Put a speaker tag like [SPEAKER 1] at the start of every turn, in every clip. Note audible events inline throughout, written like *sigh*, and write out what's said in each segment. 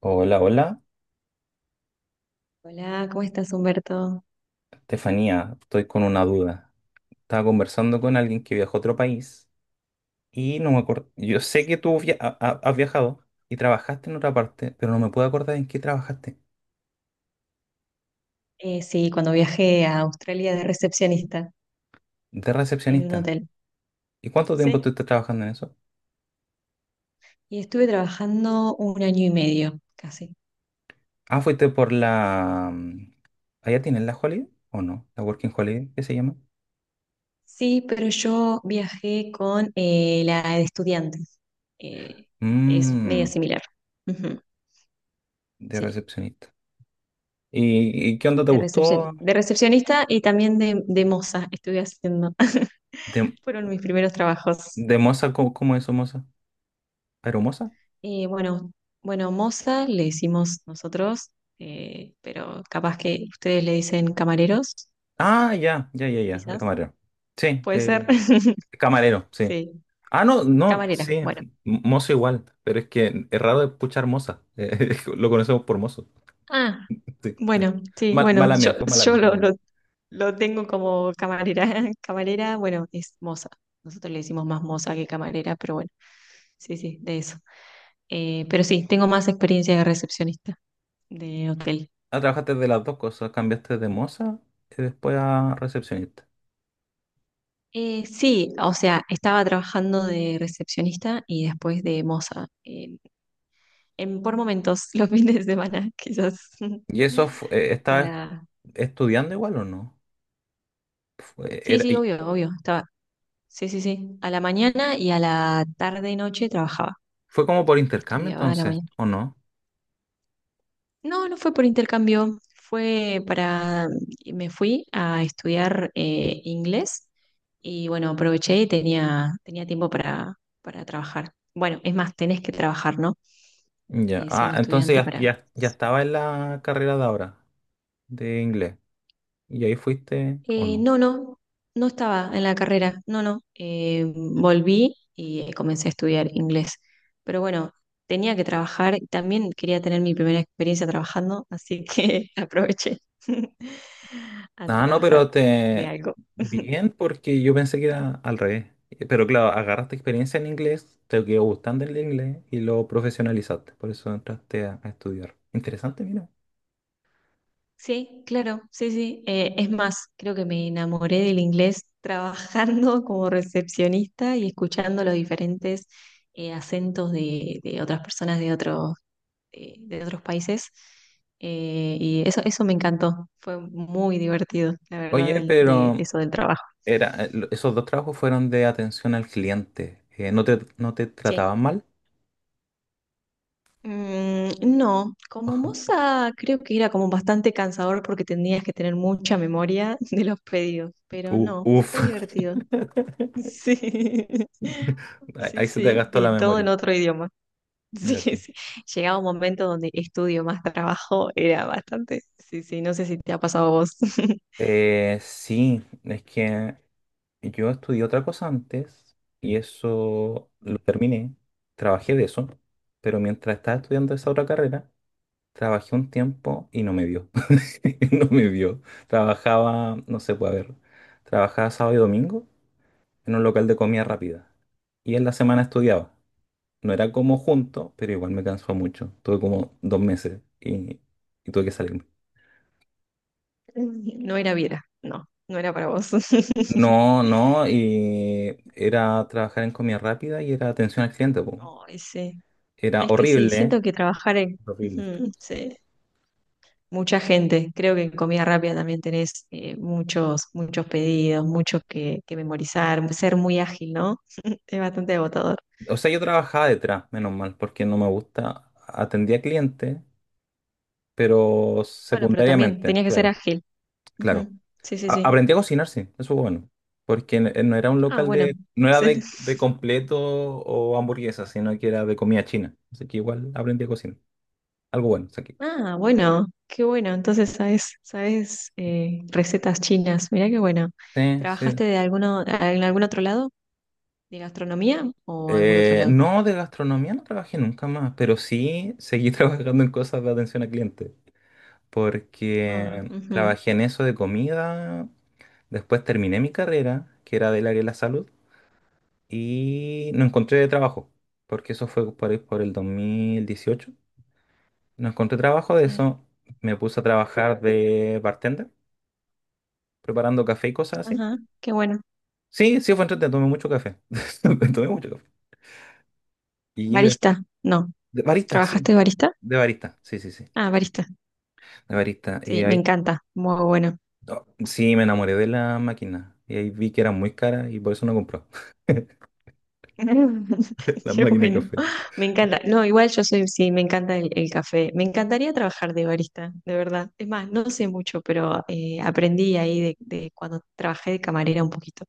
[SPEAKER 1] Hola, hola,
[SPEAKER 2] Hola, ¿cómo estás, Humberto?
[SPEAKER 1] Estefanía, estoy con una duda. Estaba conversando con alguien que viajó a otro país y no me acuerdo. Yo sé que tú has viajado y trabajaste en otra parte, pero no me puedo acordar en qué trabajaste.
[SPEAKER 2] Sí, cuando viajé a Australia de recepcionista
[SPEAKER 1] De
[SPEAKER 2] en un
[SPEAKER 1] recepcionista.
[SPEAKER 2] hotel.
[SPEAKER 1] ¿Y cuánto tiempo
[SPEAKER 2] Sí.
[SPEAKER 1] estuviste trabajando en eso?
[SPEAKER 2] Y estuve trabajando un año y medio, casi.
[SPEAKER 1] Ah, fuiste por la... ¿Allá tienen la Holiday o no? ¿La Working Holiday? ¿Qué se llama?
[SPEAKER 2] Sí, pero yo viajé con la de estudiantes. Eh, es
[SPEAKER 1] Mmm,
[SPEAKER 2] media similar. Ujú,
[SPEAKER 1] de
[SPEAKER 2] sí,
[SPEAKER 1] recepcionista. ¿Y qué onda te
[SPEAKER 2] de recepción,
[SPEAKER 1] gustó?
[SPEAKER 2] de recepcionista y también de moza estuve haciendo.
[SPEAKER 1] ¿De,
[SPEAKER 2] *laughs* Fueron mis primeros trabajos.
[SPEAKER 1] de moza? Cómo es moza? ¿Aeromoza?
[SPEAKER 2] Bueno, bueno, moza le decimos nosotros, pero capaz que ustedes le dicen camareros,
[SPEAKER 1] Ah, ya, ya, ya, ya, de
[SPEAKER 2] quizás,
[SPEAKER 1] camarero. Sí,
[SPEAKER 2] puede ser.
[SPEAKER 1] de
[SPEAKER 2] *laughs*
[SPEAKER 1] camarero, sí.
[SPEAKER 2] Sí,
[SPEAKER 1] Ah, no, no,
[SPEAKER 2] camarera,
[SPEAKER 1] sí,
[SPEAKER 2] bueno.
[SPEAKER 1] mozo igual, pero es que es raro escuchar moza. *laughs* Lo conocemos por mozo.
[SPEAKER 2] Ah,
[SPEAKER 1] Sí, ya.
[SPEAKER 2] bueno, sí, bueno,
[SPEAKER 1] Mala
[SPEAKER 2] yo,
[SPEAKER 1] mía, fue mala
[SPEAKER 2] yo
[SPEAKER 1] mía,
[SPEAKER 2] lo,
[SPEAKER 1] mala mía.
[SPEAKER 2] lo- lo tengo como camarera. *laughs* Camarera, bueno, es moza. Nosotros le decimos más moza que camarera, pero bueno, sí, sí, de eso. Pero sí, tengo más experiencia de recepcionista de hotel.
[SPEAKER 1] Ah, trabajaste de las dos cosas, cambiaste de moza y después a recepcionista.
[SPEAKER 2] Sí, o sea, estaba trabajando de recepcionista y después de moza, por momentos, *laughs* los fines de semana, quizás, *laughs*
[SPEAKER 1] ¿Y eso estabas
[SPEAKER 2] para...
[SPEAKER 1] estudiando igual o no? Fue,
[SPEAKER 2] Sí,
[SPEAKER 1] era-
[SPEAKER 2] sí,
[SPEAKER 1] y-
[SPEAKER 2] obvio, obvio, estaba... Sí, sí, sí, a la mañana y a la tarde y noche trabajaba,
[SPEAKER 1] Fue como por intercambio
[SPEAKER 2] estudiaba a la
[SPEAKER 1] entonces,
[SPEAKER 2] mañana.
[SPEAKER 1] ¿o no?
[SPEAKER 2] No, no fue por intercambio, fue para... Me fui a estudiar inglés y bueno, aproveché y tenía tiempo para trabajar. Bueno, es más, tenés que trabajar, ¿no?
[SPEAKER 1] Ya, ah,
[SPEAKER 2] Siendo
[SPEAKER 1] entonces
[SPEAKER 2] estudiante
[SPEAKER 1] ya,
[SPEAKER 2] para
[SPEAKER 1] ya, ya estaba en la carrera de ahora, de inglés. ¿Y ahí fuiste o no?
[SPEAKER 2] No, no, no estaba en la carrera, no, no. Volví y comencé a estudiar inglés. Pero bueno, tenía que trabajar y también quería tener mi primera experiencia trabajando, así que *laughs* aproveché *laughs* a
[SPEAKER 1] Ah, no,
[SPEAKER 2] trabajar
[SPEAKER 1] pero
[SPEAKER 2] de
[SPEAKER 1] te...
[SPEAKER 2] algo.
[SPEAKER 1] Bien, porque yo pensé que era al revés. Pero claro, agarraste experiencia en inglés, te quedó gustando el inglés y lo profesionalizaste. Por eso entraste a estudiar. Interesante, mira.
[SPEAKER 2] Sí, claro, sí, sí. Es más, creo que me enamoré del inglés trabajando *laughs* como recepcionista y escuchando los diferentes acentos de otras personas de otros países. Y eso me encantó. Fue muy divertido, la verdad,
[SPEAKER 1] Oye,
[SPEAKER 2] de
[SPEAKER 1] pero
[SPEAKER 2] eso del trabajo.
[SPEAKER 1] esos dos trabajos fueron de atención al cliente. No te
[SPEAKER 2] Sí.
[SPEAKER 1] trataban mal?
[SPEAKER 2] Mm, no, como
[SPEAKER 1] *laughs*
[SPEAKER 2] moza creo que era como bastante cansador porque tenías que tener mucha memoria *laughs* de los pedidos, pero no,
[SPEAKER 1] Uf.
[SPEAKER 2] fue divertido.
[SPEAKER 1] *laughs*
[SPEAKER 2] Sí, *laughs*
[SPEAKER 1] Ahí
[SPEAKER 2] sí,
[SPEAKER 1] ahí se te
[SPEAKER 2] sí,
[SPEAKER 1] gastó la
[SPEAKER 2] y todo
[SPEAKER 1] memoria.
[SPEAKER 2] en otro idioma. *laughs* Sí,
[SPEAKER 1] Mira tú.
[SPEAKER 2] sí. Llegaba un momento donde estudio más trabajo, era bastante. Sí, sí, no sé si te ha pasado a vos. *laughs*
[SPEAKER 1] Sí, es que yo estudié otra cosa antes y eso lo terminé, trabajé de eso, pero mientras estaba estudiando esa otra carrera, trabajé un tiempo y no me dio. *laughs* No me dio. Trabajaba, no sé, puede ver, trabajaba sábado y domingo en un local de comida
[SPEAKER 2] Sí. *laughs*
[SPEAKER 1] rápida y en la semana estudiaba. No era como junto, pero igual me cansó mucho. Tuve como 2 meses y tuve que salirme.
[SPEAKER 2] No era vida, no, no era para vos. *laughs*
[SPEAKER 1] No, no, y era trabajar en comida rápida y era atención al cliente, po.
[SPEAKER 2] Ay, sí.
[SPEAKER 1] Era
[SPEAKER 2] Es que sí,
[SPEAKER 1] horrible,
[SPEAKER 2] siento que trabajar en...
[SPEAKER 1] horrible.
[SPEAKER 2] Ujú, sí. Mucha gente. Creo que en comida rápida también tenés muchos, muchos pedidos, muchos que memorizar, ser muy ágil, ¿no? *laughs* Es bastante agotador.
[SPEAKER 1] O sea, yo trabajaba detrás, menos mal, porque no me gusta. Atendía clientes, pero
[SPEAKER 2] Bueno, pero también
[SPEAKER 1] secundariamente,
[SPEAKER 2] tenías que ser
[SPEAKER 1] claro,
[SPEAKER 2] ágil.
[SPEAKER 1] claro.
[SPEAKER 2] Ujú. Sí, sí, sí.
[SPEAKER 1] Aprendí a cocinar, sí, eso fue bueno. Porque no era un
[SPEAKER 2] Ah,
[SPEAKER 1] local
[SPEAKER 2] bueno.
[SPEAKER 1] de, no era
[SPEAKER 2] Sí.
[SPEAKER 1] de
[SPEAKER 2] *laughs*
[SPEAKER 1] completo o hamburguesas, sino que era de comida china. Así que igual aprendí a cocinar. Algo bueno, saqué.
[SPEAKER 2] Ah, bueno, qué bueno. Entonces sabes recetas chinas. Mirá qué bueno.
[SPEAKER 1] Sí,
[SPEAKER 2] ¿Trabajaste
[SPEAKER 1] sí.
[SPEAKER 2] de alguno, en algún otro lado? ¿De gastronomía o algún otro lado?
[SPEAKER 1] No, de gastronomía no trabajé nunca más, pero sí seguí *laughs* trabajando en cosas de atención a clientes.
[SPEAKER 2] Ah,
[SPEAKER 1] Porque
[SPEAKER 2] ujú,
[SPEAKER 1] trabajé en eso de comida, después terminé mi carrera, que era del área de la salud, y no encontré trabajo, porque eso fue por ahí por el 2018. No encontré trabajo de
[SPEAKER 2] sí.
[SPEAKER 1] eso, me puse a trabajar de bartender, preparando café y cosas así.
[SPEAKER 2] Ajá, qué bueno.
[SPEAKER 1] Sí, sí fue entretenido, tomé mucho café, *laughs* tomé mucho café. Y de,
[SPEAKER 2] Barista, no.
[SPEAKER 1] de barista, sí,
[SPEAKER 2] ¿Trabajaste de barista?
[SPEAKER 1] de barista, sí, sí, sí,
[SPEAKER 2] Ah, barista.
[SPEAKER 1] de barista. Y
[SPEAKER 2] Sí, me
[SPEAKER 1] ahí,
[SPEAKER 2] encanta. Muy bueno.
[SPEAKER 1] no, sí, me enamoré de la máquina, y ahí vi que era muy cara y por eso no compró. *laughs*
[SPEAKER 2] *laughs*
[SPEAKER 1] Las
[SPEAKER 2] Qué
[SPEAKER 1] máquinas de
[SPEAKER 2] bueno.
[SPEAKER 1] café.
[SPEAKER 2] Me encanta. No, igual yo soy, sí, me encanta el café. Me encantaría trabajar de barista, de verdad. Es más, no sé mucho, pero aprendí ahí de cuando trabajé de camarera un poquito.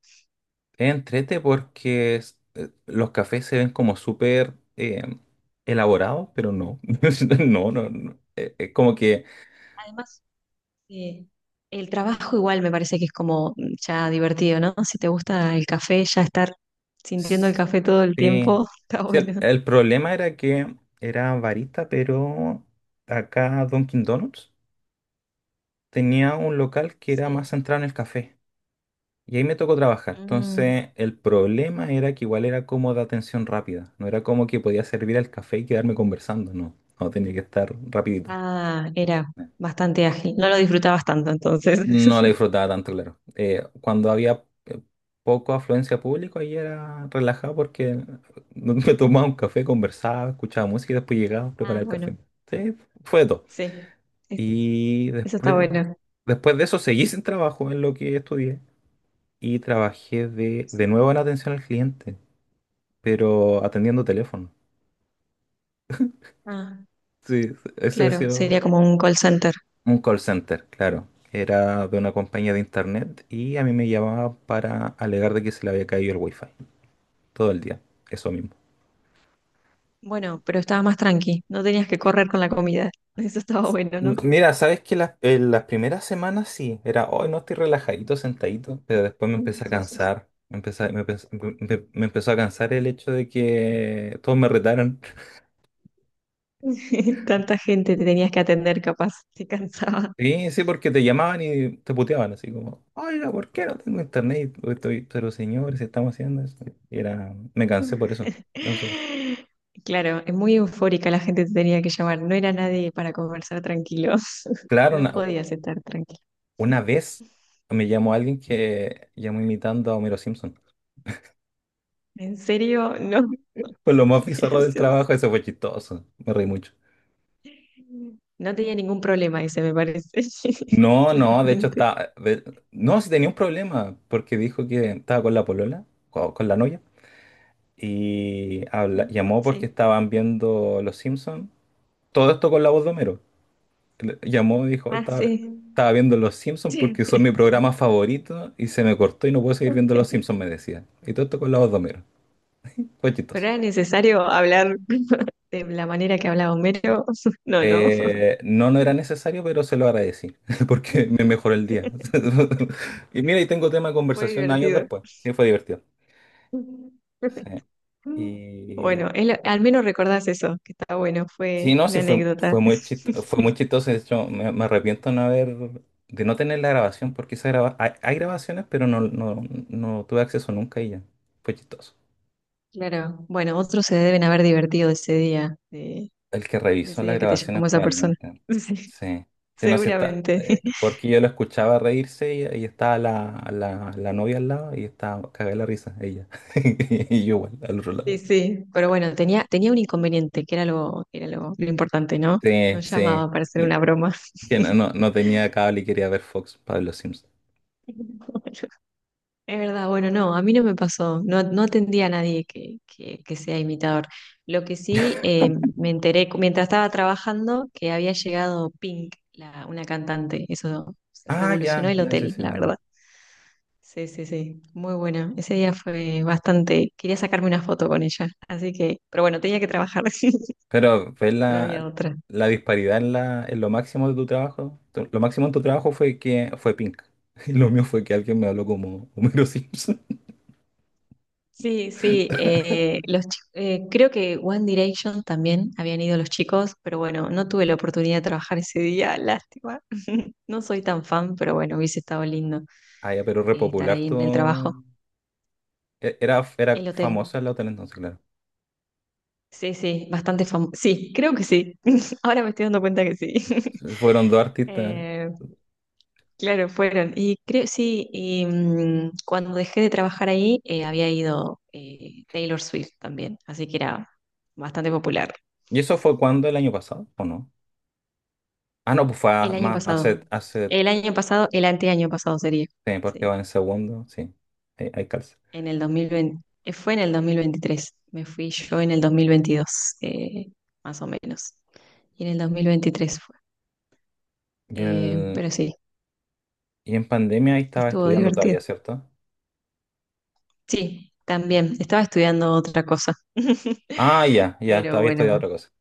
[SPEAKER 1] Es entrete porque los cafés se ven como súper elaborados, pero no. *laughs* No, no, no. Es como que.
[SPEAKER 2] Además, eh, el trabajo igual me parece que es como ya divertido, ¿no? Si te gusta el café, ya estar sintiendo el café todo el
[SPEAKER 1] Sí.
[SPEAKER 2] tiempo, *laughs* está
[SPEAKER 1] Sí,
[SPEAKER 2] bueno.
[SPEAKER 1] el problema era que era barista, pero acá Dunkin' Donuts tenía un local que era
[SPEAKER 2] Sí.
[SPEAKER 1] más centrado en el café. Y ahí me tocó trabajar.
[SPEAKER 2] Mm.
[SPEAKER 1] Entonces, el problema era que igual era como de atención rápida. No era como que podía servir el café y quedarme conversando. No, no tenía que estar rapidito.
[SPEAKER 2] Ah, era bastante ágil. No lo disfrutabas tanto entonces.
[SPEAKER 1] No la
[SPEAKER 2] *laughs*
[SPEAKER 1] disfrutaba tanto, claro. Cuando había poco afluencia de público, ahí era relajado porque *laughs* me tomaba un café, conversaba, escuchaba música y después llegaba a
[SPEAKER 2] Ah,
[SPEAKER 1] preparar el café.
[SPEAKER 2] bueno,
[SPEAKER 1] Sí, fue de todo.
[SPEAKER 2] sí. Es-
[SPEAKER 1] Y
[SPEAKER 2] Eso está
[SPEAKER 1] después,
[SPEAKER 2] bueno.
[SPEAKER 1] después de eso seguí *laughs* sin trabajo en lo que estudié y trabajé de
[SPEAKER 2] Sí.
[SPEAKER 1] nuevo en atención al cliente, pero atendiendo teléfono.
[SPEAKER 2] Ah,
[SPEAKER 1] Sí, ese ha
[SPEAKER 2] claro,
[SPEAKER 1] sido
[SPEAKER 2] sería como un call center.
[SPEAKER 1] un call center, claro. Era de una compañía de internet y a mí me llamaban para alegar de que se le había caído el wifi todo el día, eso mismo.
[SPEAKER 2] Bueno, pero estaba más tranqui. No tenías que correr con la comida. *laughs* Eso estaba bueno, ¿no?
[SPEAKER 1] Mira, sabes que en las primeras semanas sí, era, hoy no estoy relajadito, sentadito, pero después me empecé a cansar, me empezó a cansar el hecho de que todos me retaran. *laughs*
[SPEAKER 2] *laughs* Tanta gente te tenías que atender, capaz, te cansaba.
[SPEAKER 1] Sí, sí, porque te llamaban y te puteaban, así como, oiga, ¿por qué no tengo internet? O estoy, pero señores, estamos haciendo eso. Y era, me cansé por eso. No sé.
[SPEAKER 2] *laughs* Claro, es muy eufórica la gente te tenía que llamar. No era nadie para conversar tranquilo. *laughs*
[SPEAKER 1] Claro,
[SPEAKER 2] No podías estar tranquilo.
[SPEAKER 1] una
[SPEAKER 2] *laughs*
[SPEAKER 1] vez me llamó alguien que llamó imitando a Homero Simpson.
[SPEAKER 2] ¿En serio? No.
[SPEAKER 1] Fue lo más
[SPEAKER 2] *laughs*
[SPEAKER 1] bizarro del
[SPEAKER 2] Gracioso.
[SPEAKER 1] trabajo, eso fue chistoso, me reí mucho.
[SPEAKER 2] No tenía ningún problema ese, me parece. *laughs*
[SPEAKER 1] No, no, de hecho
[SPEAKER 2] Claramente.
[SPEAKER 1] estaba... de- No, sí tenía un problema, porque dijo que estaba con la polola, la novia, y
[SPEAKER 2] Mm,
[SPEAKER 1] llamó porque
[SPEAKER 2] sí.
[SPEAKER 1] estaban viendo Los Simpsons, todo esto con la voz de Homero. Llamó y dijo, "Hoy
[SPEAKER 2] Ah,
[SPEAKER 1] estaba,
[SPEAKER 2] sí.
[SPEAKER 1] estaba viendo Los Simpsons
[SPEAKER 2] Sí.
[SPEAKER 1] porque son mi programa favorito, y se me cortó y no puedo seguir viendo Los
[SPEAKER 2] *laughs*
[SPEAKER 1] Simpsons", me decía. Y todo esto con la voz de Homero, fue
[SPEAKER 2] Pero
[SPEAKER 1] chistoso.
[SPEAKER 2] era necesario hablar *laughs* de la manera que hablaba Homero. *laughs* No, no.
[SPEAKER 1] No, no era necesario, pero se lo agradecí, *laughs* porque me mejoró el día.
[SPEAKER 2] *laughs*
[SPEAKER 1] *laughs* Y mira, y tengo tema de
[SPEAKER 2] Fue
[SPEAKER 1] conversación años
[SPEAKER 2] divertido.
[SPEAKER 1] después. Sí, fue divertido. Sí.
[SPEAKER 2] Bueno,
[SPEAKER 1] Y
[SPEAKER 2] al menos recordás eso, que está bueno, fue
[SPEAKER 1] sí, no,
[SPEAKER 2] una
[SPEAKER 1] sí, fue,
[SPEAKER 2] anécdota.
[SPEAKER 1] fue muy chistoso, fue muy chistoso. De hecho, me arrepiento no haber, de no tener la grabación, porque esa hay, hay grabaciones, pero no, no, no tuve acceso nunca y ya. Fue chistoso.
[SPEAKER 2] Claro, bueno, otros se deben haber divertido ese día, de,
[SPEAKER 1] El que
[SPEAKER 2] de
[SPEAKER 1] revisó
[SPEAKER 2] ese
[SPEAKER 1] las
[SPEAKER 2] día que te
[SPEAKER 1] grabaciones
[SPEAKER 2] llamó esa persona.
[SPEAKER 1] probablemente.
[SPEAKER 2] *laughs*
[SPEAKER 1] Sí, sí,
[SPEAKER 2] Sí,
[SPEAKER 1] no, sí está.
[SPEAKER 2] seguramente.
[SPEAKER 1] Porque yo lo escuchaba reírse y estaba la novia al lado y estaba cagada la risa, ella. *laughs* Y yo igual, al otro
[SPEAKER 2] Sí,
[SPEAKER 1] lado.
[SPEAKER 2] sí, pero bueno, tenía un inconveniente, que era lo, que era lo importante, ¿no? No
[SPEAKER 1] Sí,
[SPEAKER 2] llamaba
[SPEAKER 1] sí.
[SPEAKER 2] para hacer
[SPEAKER 1] Que,
[SPEAKER 2] una broma.
[SPEAKER 1] que no, no, no tenía
[SPEAKER 2] *laughs*
[SPEAKER 1] cable y quería ver Fox, Pablo Simpson.
[SPEAKER 2] Bueno, es verdad, bueno, no, a mí no me pasó, no, no atendí a nadie que sea imitador. Lo que sí me enteré mientras estaba trabajando que había llegado Pink, una cantante, eso
[SPEAKER 1] Ah,
[SPEAKER 2] revolucionó
[SPEAKER 1] ya,
[SPEAKER 2] el
[SPEAKER 1] ya, sí,
[SPEAKER 2] hotel,
[SPEAKER 1] sí.
[SPEAKER 2] la
[SPEAKER 1] No.
[SPEAKER 2] verdad. Sí, sí, sí, muy buena. Ese día fue bastante, quería sacarme una foto con ella, así que, pero bueno, tenía que trabajar, *laughs*
[SPEAKER 1] Pero ¿ves
[SPEAKER 2] no había otra.
[SPEAKER 1] la disparidad en, en lo máximo de tu trabajo? Lo máximo en tu trabajo fue que fue Pink. *laughs* Y lo mío fue que alguien me habló como Homero Simpson.
[SPEAKER 2] Sí, sí, creo que One Direction también habían ido los chicos, pero bueno, no tuve la oportunidad de trabajar ese día, *laughs* lástima. *laughs* No soy tan fan, pero bueno, hubiese estado lindo
[SPEAKER 1] Ah, ya, pero
[SPEAKER 2] estar
[SPEAKER 1] repopular
[SPEAKER 2] ahí
[SPEAKER 1] tú.
[SPEAKER 2] en el trabajo.
[SPEAKER 1] Era, era
[SPEAKER 2] El hotel,
[SPEAKER 1] famosa la otra entonces, claro.
[SPEAKER 2] sí, sí, bastante famoso. Sí, creo que sí. *laughs* Ahora me estoy dando cuenta que sí. *laughs*
[SPEAKER 1] Entonces fueron dos artistas.
[SPEAKER 2] Eh, claro, fueron. Y creo, sí, y cuando dejé de trabajar ahí, había ido Taylor Swift también, así que era bastante popular.
[SPEAKER 1] ¿Y eso fue cuando? ¿El año pasado? ¿O no? Ah, no, pues
[SPEAKER 2] El año
[SPEAKER 1] más
[SPEAKER 2] pasado.
[SPEAKER 1] hace, hace
[SPEAKER 2] El año pasado, el anteaño pasado sería.
[SPEAKER 1] sí, porque
[SPEAKER 2] Sí.
[SPEAKER 1] va en segundo. Sí, hay calza.
[SPEAKER 2] En el 2020. Fue en el 2023. Me fui yo en el 2022, eh, más o menos. Y en el 2023 fue.
[SPEAKER 1] Y, el,
[SPEAKER 2] Pero sí,
[SPEAKER 1] y en pandemia ahí estaba
[SPEAKER 2] estuvo
[SPEAKER 1] estudiando
[SPEAKER 2] divertido.
[SPEAKER 1] todavía, ¿cierto?
[SPEAKER 2] Sí,
[SPEAKER 1] Sí.
[SPEAKER 2] también. Estaba estudiando otra cosa. *laughs*
[SPEAKER 1] Ah, ya, ya,
[SPEAKER 2] Pero
[SPEAKER 1] todavía estudiando
[SPEAKER 2] bueno,
[SPEAKER 1] otra cosa.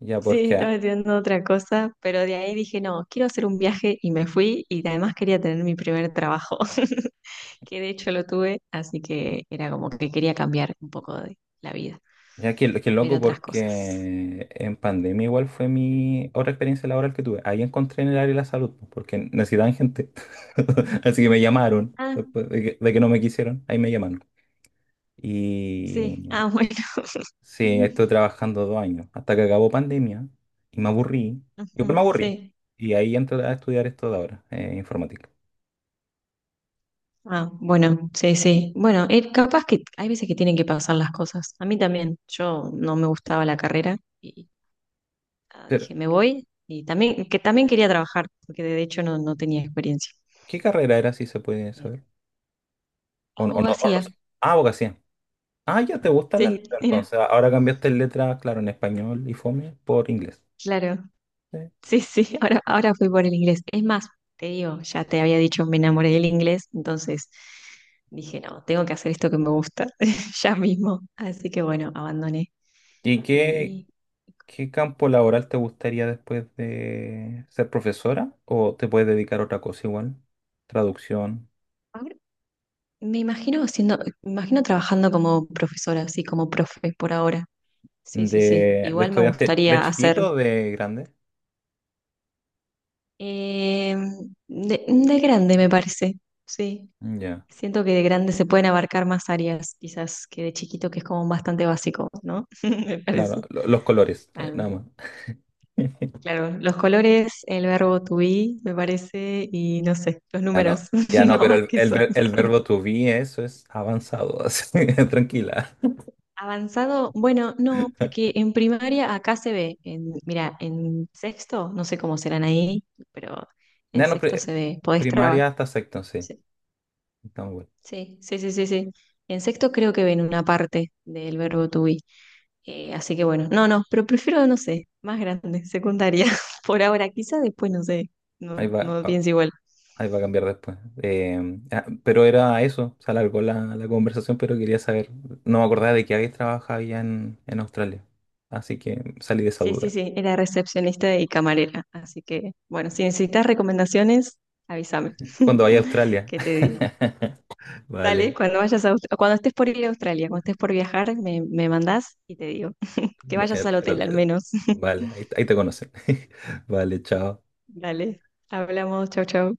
[SPEAKER 1] Ya,
[SPEAKER 2] sí,
[SPEAKER 1] porque
[SPEAKER 2] estaba estudiando otra cosa. Pero de ahí dije, no, quiero hacer un viaje y me fui. Y además quería tener mi primer trabajo. *laughs* Que de hecho lo tuve, así que era como que quería cambiar un poco de la vida,
[SPEAKER 1] Ya que
[SPEAKER 2] ver
[SPEAKER 1] loco
[SPEAKER 2] otras cosas.
[SPEAKER 1] porque en pandemia igual fue mi otra experiencia laboral que tuve. Ahí encontré en el área de la salud, pues, porque necesitaban gente. *laughs* Así que me llamaron,
[SPEAKER 2] Ah,
[SPEAKER 1] después de que no me quisieron, ahí me llamaron.
[SPEAKER 2] sí, ah,
[SPEAKER 1] Y
[SPEAKER 2] bueno.
[SPEAKER 1] sí, estoy
[SPEAKER 2] *laughs*
[SPEAKER 1] trabajando 2 años, hasta que acabó pandemia y me aburrí. Igual
[SPEAKER 2] Ujú,
[SPEAKER 1] me aburrí.
[SPEAKER 2] sí.
[SPEAKER 1] Y ahí entré a estudiar esto de ahora, informática.
[SPEAKER 2] Ah, bueno, sí, sí. Bueno, capaz que hay veces que tienen que pasar las cosas. A mí también, yo no me gustaba la carrera y
[SPEAKER 1] Pero,
[SPEAKER 2] dije, me voy. Y también, que también quería trabajar, porque de hecho no, no tenía experiencia.
[SPEAKER 1] ¿qué carrera era, si se puede
[SPEAKER 2] Eh,
[SPEAKER 1] saber? O no, o no- o
[SPEAKER 2] Abogacía,
[SPEAKER 1] no- sé. Ah, abogacía. Ah, ya te gustan las
[SPEAKER 2] sí,
[SPEAKER 1] letras,
[SPEAKER 2] era,
[SPEAKER 1] entonces. Ahora cambiaste letras, claro, en español y fome por inglés.
[SPEAKER 2] claro.
[SPEAKER 1] Sí.
[SPEAKER 2] Sí, sí, *laughs* ahora, ahora fui por el inglés. Es más, te digo, ya te había dicho, me enamoré del inglés, entonces dije, no, tengo que hacer esto que me gusta *laughs* ya mismo. Así que bueno, abandoné.
[SPEAKER 1] ¿Y qué,
[SPEAKER 2] Y
[SPEAKER 1] qué campo laboral te gustaría después de ser profesora? ¿O te puedes dedicar a otra cosa igual? Traducción
[SPEAKER 2] ahora me imagino trabajando como profesora, así como profe por ahora. Sí, sí, sí.
[SPEAKER 1] de
[SPEAKER 2] Igual me
[SPEAKER 1] estudiante de
[SPEAKER 2] gustaría hacer
[SPEAKER 1] chiquito o de grande.
[SPEAKER 2] eh, de grande, me parece. Sí.
[SPEAKER 1] Ya,
[SPEAKER 2] Siento que de grande se pueden abarcar más áreas, quizás que de chiquito, que es como bastante básico, ¿no? *laughs* Me
[SPEAKER 1] claro,
[SPEAKER 2] parece.
[SPEAKER 1] los colores, nada
[SPEAKER 2] Al-
[SPEAKER 1] más. *laughs*
[SPEAKER 2] claro, los colores, el verbo to be, me parece, y no sé, los
[SPEAKER 1] Ya
[SPEAKER 2] números,
[SPEAKER 1] no, ya
[SPEAKER 2] *laughs*
[SPEAKER 1] no,
[SPEAKER 2] no
[SPEAKER 1] pero
[SPEAKER 2] más que eso.
[SPEAKER 1] el verbo to be, eso es avanzado, *laughs* así, tranquila.
[SPEAKER 2] Avanzado, bueno, no, porque en primaria acá se ve, mira, en sexto, no sé cómo serán ahí, pero en
[SPEAKER 1] Ya no,
[SPEAKER 2] sexto se ve, podés trabajar.
[SPEAKER 1] primaria hasta sexto, sí.
[SPEAKER 2] Sí,
[SPEAKER 1] Estamos bien.
[SPEAKER 2] sí, sí, sí, sí. Sí. En sexto creo que ven una parte del verbo to be. Así que bueno, no, no, pero prefiero, no sé, más grande, secundaria, *laughs* por ahora, quizá después, no sé,
[SPEAKER 1] Ahí
[SPEAKER 2] no,
[SPEAKER 1] va.
[SPEAKER 2] no pienso igual.
[SPEAKER 1] Ahí va a cambiar después. Pero era eso, se alargó la conversación, pero quería saber, no me acordaba de que habéis trabajado allá en Australia. Así que salí de esa
[SPEAKER 2] Sí, sí,
[SPEAKER 1] duda.
[SPEAKER 2] sí, era recepcionista y camarera, así que bueno, si necesitas recomendaciones, avísame,
[SPEAKER 1] Cuando vaya a
[SPEAKER 2] *laughs*
[SPEAKER 1] Australia.
[SPEAKER 2] que te digo.
[SPEAKER 1] *laughs*
[SPEAKER 2] Dale,
[SPEAKER 1] Vale,
[SPEAKER 2] cuando estés por ir a Australia, cuando estés por viajar, me mandás y te digo, *laughs* que vayas al
[SPEAKER 1] el
[SPEAKER 2] hotel al
[SPEAKER 1] hotel.
[SPEAKER 2] menos. *laughs*
[SPEAKER 1] Vale, ahí, ahí te conocen. *laughs* Vale, chao.
[SPEAKER 2] Dale, hablamos, chau, chau.